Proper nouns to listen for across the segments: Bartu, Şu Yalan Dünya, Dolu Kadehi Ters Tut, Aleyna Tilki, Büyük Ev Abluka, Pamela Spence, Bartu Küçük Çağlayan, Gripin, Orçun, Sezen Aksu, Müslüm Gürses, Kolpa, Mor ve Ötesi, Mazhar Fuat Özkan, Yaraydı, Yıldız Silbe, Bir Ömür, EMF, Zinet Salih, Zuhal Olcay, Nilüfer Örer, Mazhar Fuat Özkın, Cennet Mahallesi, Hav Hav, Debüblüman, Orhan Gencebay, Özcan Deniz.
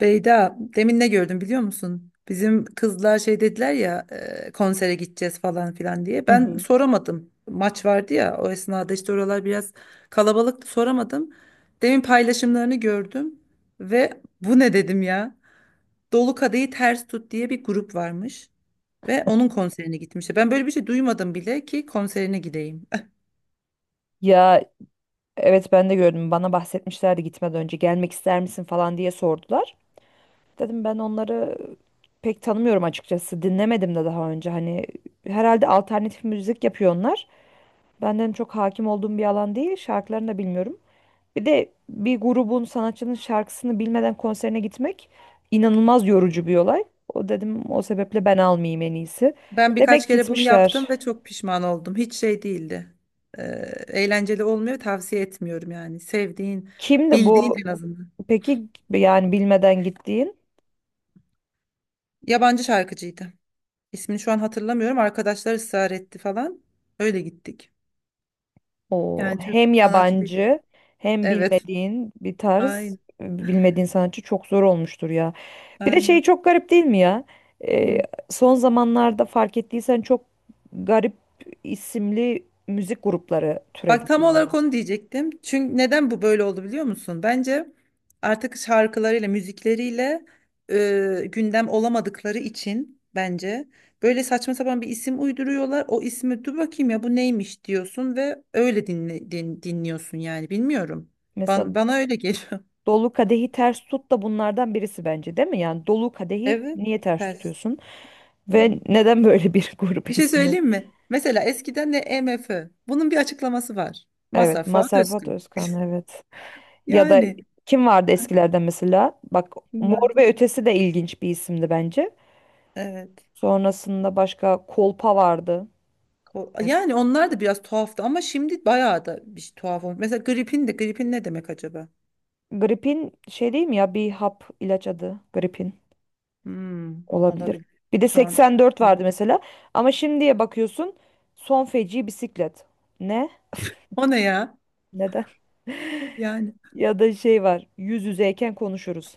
Beyda, demin ne gördüm biliyor musun? Bizim kızlar şey dediler ya konsere gideceğiz falan filan diye. Hı Ben hı. soramadım. Maç vardı ya o esnada işte oralar biraz kalabalıktı soramadım. Demin paylaşımlarını gördüm ve bu ne dedim ya? Dolu Kadehi Ters Tut diye bir grup varmış ve onun konserine gitmişti. Ben böyle bir şey duymadım bile ki konserine gideyim. Ya, evet, ben de gördüm. Bana bahsetmişlerdi, gitmeden önce gelmek ister misin falan diye sordular. Dedim ben onları pek tanımıyorum açıkçası. Dinlemedim de daha önce. Hani herhalde alternatif müzik yapıyor onlar. Benden çok hakim olduğum bir alan değil. Şarkılarını da bilmiyorum. Bir de bir grubun sanatçının şarkısını bilmeden konserine gitmek inanılmaz yorucu bir olay. O dedim, o sebeple ben almayayım en iyisi. Ben birkaç Demek kere bunu yaptım gitmişler. ve çok pişman oldum. Hiç şey değildi. Ee, eğlenceli olmuyor, tavsiye etmiyorum yani. Sevdiğin, Kimdi bildiğin bu? en azından. Peki yani bilmeden gittiğin? Yabancı şarkıcıydı. İsmini şu an hatırlamıyorum. Arkadaşlar ısrar etti falan. Öyle gittik. O Yani Türk hem sanatçı değil. yabancı hem Evet. bilmediğin bir tarz, Aynen, bilmediğin sanatçı çok zor olmuştur ya. Bir de şey aynen. çok garip değil mi ya? Ee, Hı. son zamanlarda fark ettiysen çok garip isimli müzik grupları türedi Bak tam bir olarak anda. onu diyecektim. Çünkü neden bu böyle oldu biliyor musun? Bence artık şarkılarıyla, müzikleriyle gündem olamadıkları için bence böyle saçma sapan bir isim uyduruyorlar. O ismi dur bakayım ya bu neymiş diyorsun ve öyle dinliyorsun yani bilmiyorum. Mesela Bana öyle geliyor. Dolu Kadehi Ters Tut da bunlardan birisi bence değil mi? Yani Dolu Kadehi Evet, niye ters ters tutuyorsun? Ve yani. neden böyle bir Bir grup şey ismi? söyleyeyim mi? Mesela eskiden de EMF. Bunun bir açıklaması var. Mazhar Evet, Fuat Mazhar Fuat Özkın. Özkan, evet. Ya da Yani. kim vardı eskilerde mesela? Bak, Mor Vardı. ve Ötesi de ilginç bir isimdi bence. Evet. Sonrasında başka Kolpa vardı mesela. Yani onlar da biraz tuhaftı ama şimdi bayağı da bir şey tuhaf olmuş. Mesela gripin de gripin ne demek acaba? Gripin şey değil mi ya, bir hap ilaç adı, gripin Hmm, olabilir. olabilir. Bir de Şu an 84 hani, vardı mesela. Ama şimdiye bakıyorsun, son feci bisiklet. Ne? o ne ya? Neden? Yani Ya da şey var, yüz yüzeyken konuşuruz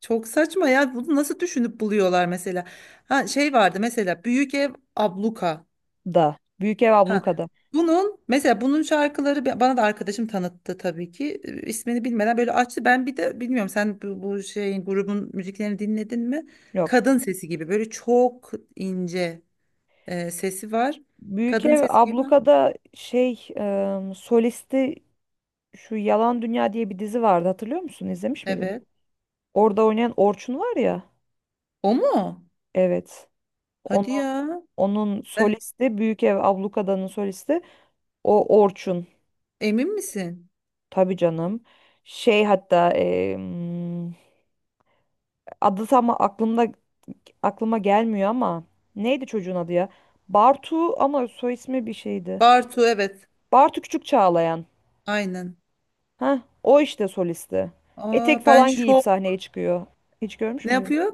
çok saçma ya. Bunu nasıl düşünüp buluyorlar mesela? Ha şey vardı mesela Büyük Ev Abluka. da. Büyük Ev Ha Abluka'da. bunun mesela bunun şarkıları bana da arkadaşım tanıttı tabii ki. İsmini bilmeden böyle açtı. Ben bir de bilmiyorum sen bu şeyin grubun müziklerini dinledin mi? Yok. Kadın sesi gibi böyle çok ince. Sesi var. Büyük Kadın Ev sesi gibi. Abluka'da şey solisti. Şu Yalan Dünya diye bir dizi vardı, hatırlıyor musun? İzlemiş miydin? Evet. Orada oynayan Orçun var ya. O mu? Evet. Hadi Onun, ya. onun Eh, solisti, Büyük Ev Ablukada'nın solisti o Orçun. emin misin? Tabii canım. Şey, hatta adı tam aklıma gelmiyor ama neydi çocuğun adı ya? Bartu, ama soy ismi bir şeydi. Bartu evet. Bartu Küçük Çağlayan. Aynen. Heh, o işte solisti. Etek Aa ben falan giyip şok. sahneye çıkıyor. Hiç görmüş Ne müydün? yapıyor?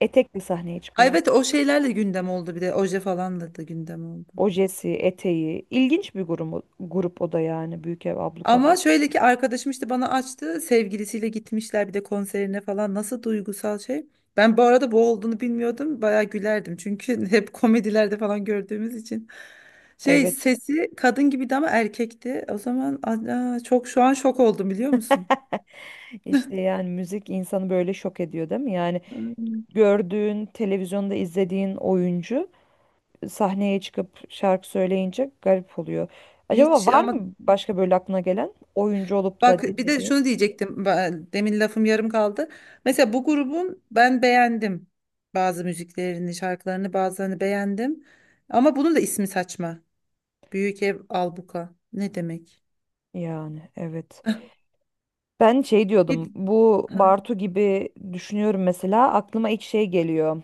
Etekli sahneye Ay, çıkıyor. evet o şeylerle gündem oldu bir de. Oje falan da gündem oldu. Ojesi, eteği. İlginç bir grup o da yani, Büyük Ev Abluka'da. Ama şöyle ki arkadaşım işte bana açtı. Sevgilisiyle gitmişler bir de konserine falan. Nasıl duygusal şey. Ben bu arada bu olduğunu bilmiyordum. Bayağı gülerdim. Çünkü hep komedilerde falan gördüğümüz için. Şey Evet. sesi kadın gibiydi ama erkekti. O zaman aa, çok şu an şok oldum biliyor musun? İşte yani müzik insanı böyle şok ediyor değil mi? Yani Hmm. gördüğün, televizyonda izlediğin oyuncu sahneye çıkıp şarkı söyleyince garip oluyor. Acaba Hiç var ama mı başka böyle aklına gelen oyuncu olup bak da bir de dinlediğin? şunu diyecektim. Demin lafım yarım kaldı. Mesela bu grubun ben beğendim. Bazı müziklerini, şarkılarını bazılarını beğendim. Ama bunun da ismi saçma. Büyük ev albuka. Ne demek? Yani evet. Ben şey Bir- diyordum. Bu Ha, Bartu gibi düşünüyorum mesela. Aklıma ilk şey geliyor.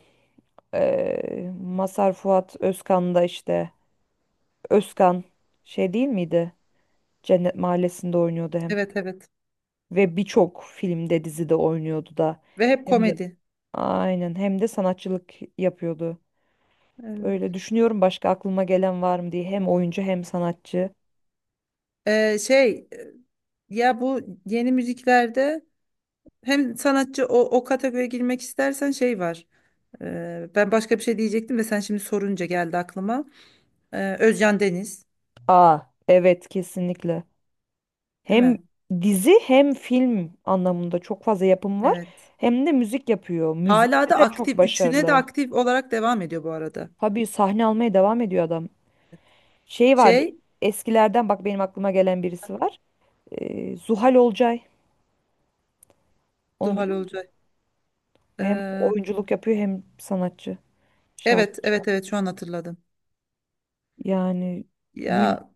Mazhar Fuat Özkan'da işte. Özkan şey değil miydi? Cennet Mahallesi'nde oynuyordu hem. evet evet. Ve birçok filmde, dizide oynuyordu da. Ve hep Hem de, komedi. aynen, hem de sanatçılık yapıyordu. Evet. Öyle düşünüyorum, başka aklıma gelen var mı diye. Hem oyuncu hem sanatçı. Ee, şey e, ya bu yeni müziklerde hem sanatçı o kategoriye girmek istersen şey var. Ben başka bir şey diyecektim de sen şimdi sorunca geldi aklıma. Özcan Deniz, Aa, evet, kesinlikle. değil Hem mi? dizi hem film anlamında çok fazla yapım var. Evet. Hem de müzik yapıyor. Hala Müzikte da de çok aktif. Üçüne de başarılı. aktif olarak devam ediyor bu arada. Tabii sahne almaya devam ediyor adam. Şey vardı Şey, eskilerden, bak benim aklıma gelen birisi var. Zuhal Olcay. Onu Zuhal biliyor musun? Olcay. Hem Ee, oyunculuk yapıyor hem sanatçı, evet şarkıcı. evet evet şu an hatırladım. Yani gün, Ya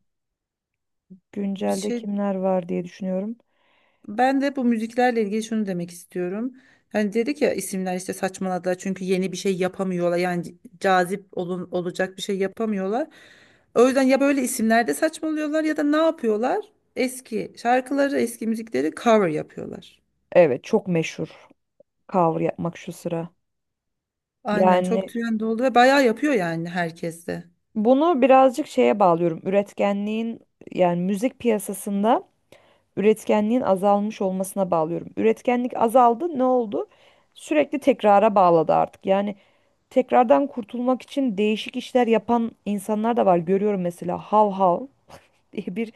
bir güncelde şey kimler var diye düşünüyorum. ben de bu müziklerle ilgili şunu demek istiyorum. Hani dedik ya isimler işte saçmaladılar çünkü yeni bir şey yapamıyorlar. Yani olacak bir şey yapamıyorlar. O yüzden ya böyle isimlerde saçmalıyorlar ya da ne yapıyorlar? Eski şarkıları, eski müzikleri cover yapıyorlar. Evet, çok meşhur cover yapmak şu sıra. Aynen çok Yani trend oldu ve bayağı yapıyor yani herkes de. bunu birazcık şeye bağlıyorum. Üretkenliğin, yani müzik piyasasında üretkenliğin azalmış olmasına bağlıyorum. Üretkenlik azaldı, ne oldu? Sürekli tekrara bağladı artık. Yani tekrardan kurtulmak için değişik işler yapan insanlar da var. Görüyorum mesela, Hav Hav diye bir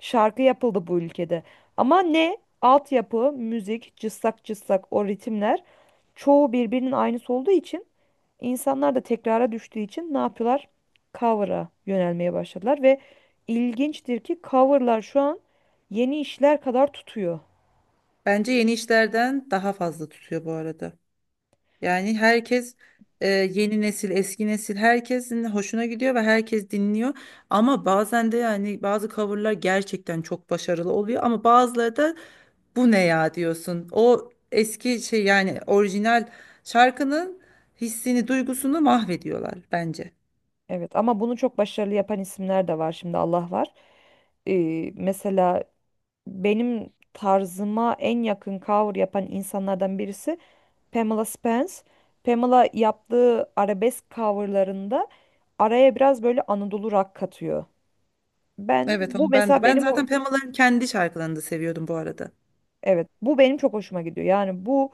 şarkı yapıldı bu ülkede. Ama ne altyapı, müzik, cıssak cıssak o ritimler çoğu birbirinin aynısı olduğu için, insanlar da tekrara düştüğü için ne yapıyorlar? Cover'a yönelmeye başladılar ve ilginçtir ki coverlar şu an yeni işler kadar tutuyor. Bence yeni işlerden daha fazla tutuyor bu arada. Yani herkes yeni nesil, eski nesil herkesin hoşuna gidiyor ve herkes dinliyor. Ama bazen de yani bazı coverlar gerçekten çok başarılı oluyor ama bazıları da bu ne ya diyorsun. O eski şey yani orijinal şarkının hissini, duygusunu mahvediyorlar bence. Evet, ama bunu çok başarılı yapan isimler de var şimdi, Allah var. Mesela benim tarzıma en yakın cover yapan insanlardan birisi Pamela Spence. Pamela yaptığı arabesk coverlarında araya biraz böyle Anadolu rock katıyor. Ben Evet bu onu ben de. mesela Ben benim o zaten Pamela'nın kendi şarkılarını da seviyordum bu arada. evet, bu benim çok hoşuma gidiyor. Yani bu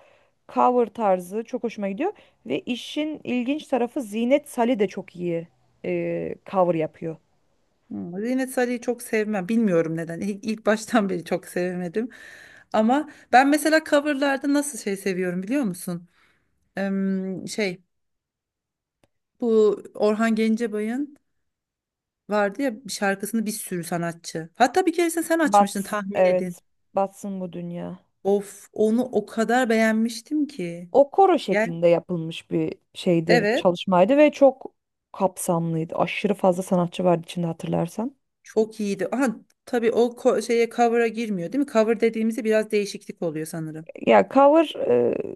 cover tarzı çok hoşuma gidiyor ve işin ilginç tarafı, Zinet Salih de çok iyi cover yapıyor. Hmm, Zeynet Salih'i çok sevmem. Bilmiyorum neden. İlk baştan beri çok sevemedim. Ama ben mesela coverlarda nasıl şey seviyorum biliyor musun? Em, şey Bu Orhan Gencebay'ın vardı ya bir şarkısını bir sürü sanatçı. Hatta bir keresinde sen açmıştın tahmin edin. evet, batsın bu dünya. Of onu o kadar beğenmiştim ki. O koro Yani şeklinde yapılmış bir şeydi, evet çalışmaydı ve çok kapsamlıydı. Aşırı fazla sanatçı vardı içinde, hatırlarsan. çok iyiydi. Aha, tabii o şeye cover'a girmiyor değil mi? Cover dediğimizde biraz değişiklik oluyor sanırım. Ya cover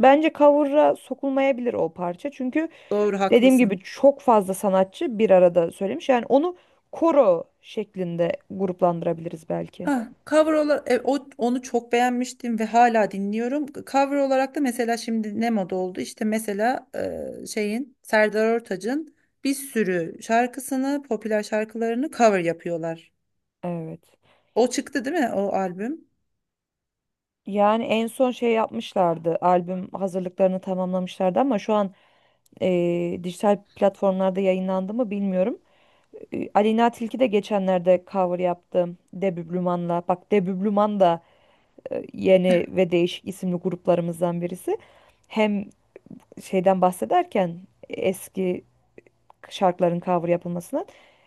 bence cover'a sokulmayabilir o parça. Çünkü Doğru dediğim gibi haklısın. çok fazla sanatçı bir arada söylemiş. Yani onu koro şeklinde gruplandırabiliriz belki. Ha, cover olarak onu çok beğenmiştim ve hala dinliyorum. Cover olarak da mesela şimdi ne moda oldu? İşte mesela şeyin Serdar Ortaç'ın bir sürü şarkısını, popüler şarkılarını cover yapıyorlar. Evet. O çıktı değil mi o albüm? Yani en son şey yapmışlardı. Albüm hazırlıklarını tamamlamışlardı ama şu an e, dijital platformlarda yayınlandı mı bilmiyorum. Aleyna Tilki de geçenlerde cover yaptı Debüblüman'la. Bak, Debüblüman da yeni ve değişik isimli gruplarımızdan birisi. Hem şeyden bahsederken, eski şarkıların cover yapılmasından,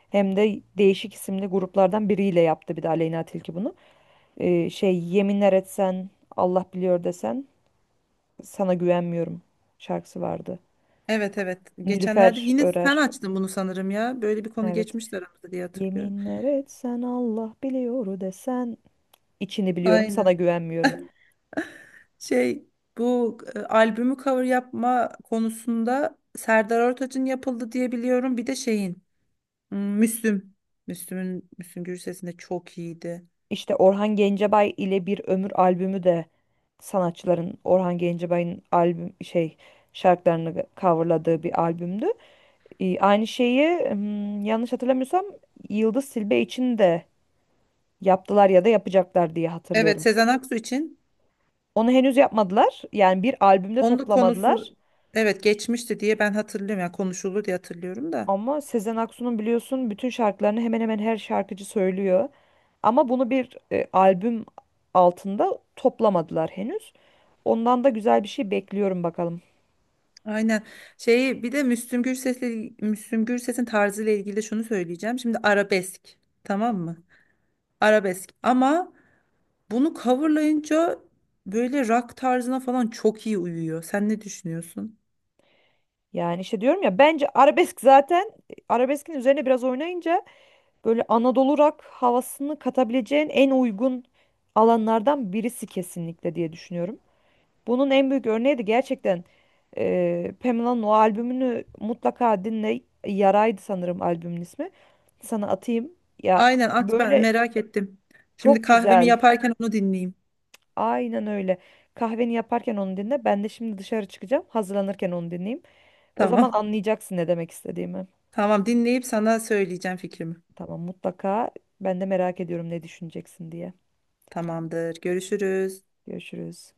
hem de değişik isimli gruplardan biriyle yaptı bir de Aleyna Tilki bunu. Şey, yeminler etsen Allah biliyor desen sana güvenmiyorum şarkısı vardı. Evet evet. Geçenlerde Nilüfer yine sen Örer. açtın bunu sanırım ya. Böyle bir konu Evet. geçmişti aramızda diye hatırlıyorum. Yeminler etsen Allah biliyor desen, içini biliyorum sana Aynen. güvenmiyorum. Şey bu albümü cover yapma konusunda Serdar Ortaç'ın yapıldı diye biliyorum. Bir de şeyin hmm, Müslüm. Müslüm Gürses'in de çok iyiydi. İşte Orhan Gencebay ile Bir Ömür albümü de sanatçıların Orhan Gencebay'ın albüm şey şarkılarını coverladığı bir albümdü. Aynı şeyi, yanlış hatırlamıyorsam Yıldız Silbe için de yaptılar ya da yapacaklar diye Evet hatırlıyorum. Sezen Aksu için Onu henüz yapmadılar. Yani bir albümde onun da toplamadılar. konusu evet geçmişti diye ben hatırlıyorum. Yani konuşuldu diye hatırlıyorum da. Ama Sezen Aksu'nun biliyorsun bütün şarkılarını hemen hemen her şarkıcı söylüyor. Ama bunu bir albüm altında toplamadılar henüz. Ondan da güzel bir şey bekliyorum bakalım. Aynen. Şeyi bir de Müslüm Gürses'in tarzıyla ilgili de şunu söyleyeceğim. Şimdi arabesk. Tamam mı? Arabesk. Ama bunu coverlayınca böyle rock tarzına falan çok iyi uyuyor. Sen ne düşünüyorsun? Yani işte diyorum ya, bence arabesk zaten, arabeskin üzerine biraz oynayınca böyle Anadolu rock havasını katabileceğin en uygun alanlardan birisi kesinlikle diye düşünüyorum. Bunun en büyük örneği de gerçekten Pamela'nın o albümünü mutlaka dinle. Yaraydı sanırım albümün ismi. Sana atayım. Ya Aynen at ben böyle, merak ettim. Şimdi çok kahvemi güzel. yaparken onu dinleyeyim. Aynen öyle. Kahveni yaparken onu dinle. Ben de şimdi dışarı çıkacağım. Hazırlanırken onu dinleyeyim. O zaman Tamam. anlayacaksın ne demek istediğimi. Tamam dinleyip sana söyleyeceğim fikrimi. Tamam, mutlaka. Ben de merak ediyorum ne düşüneceksin diye. Tamamdır. Görüşürüz. Görüşürüz.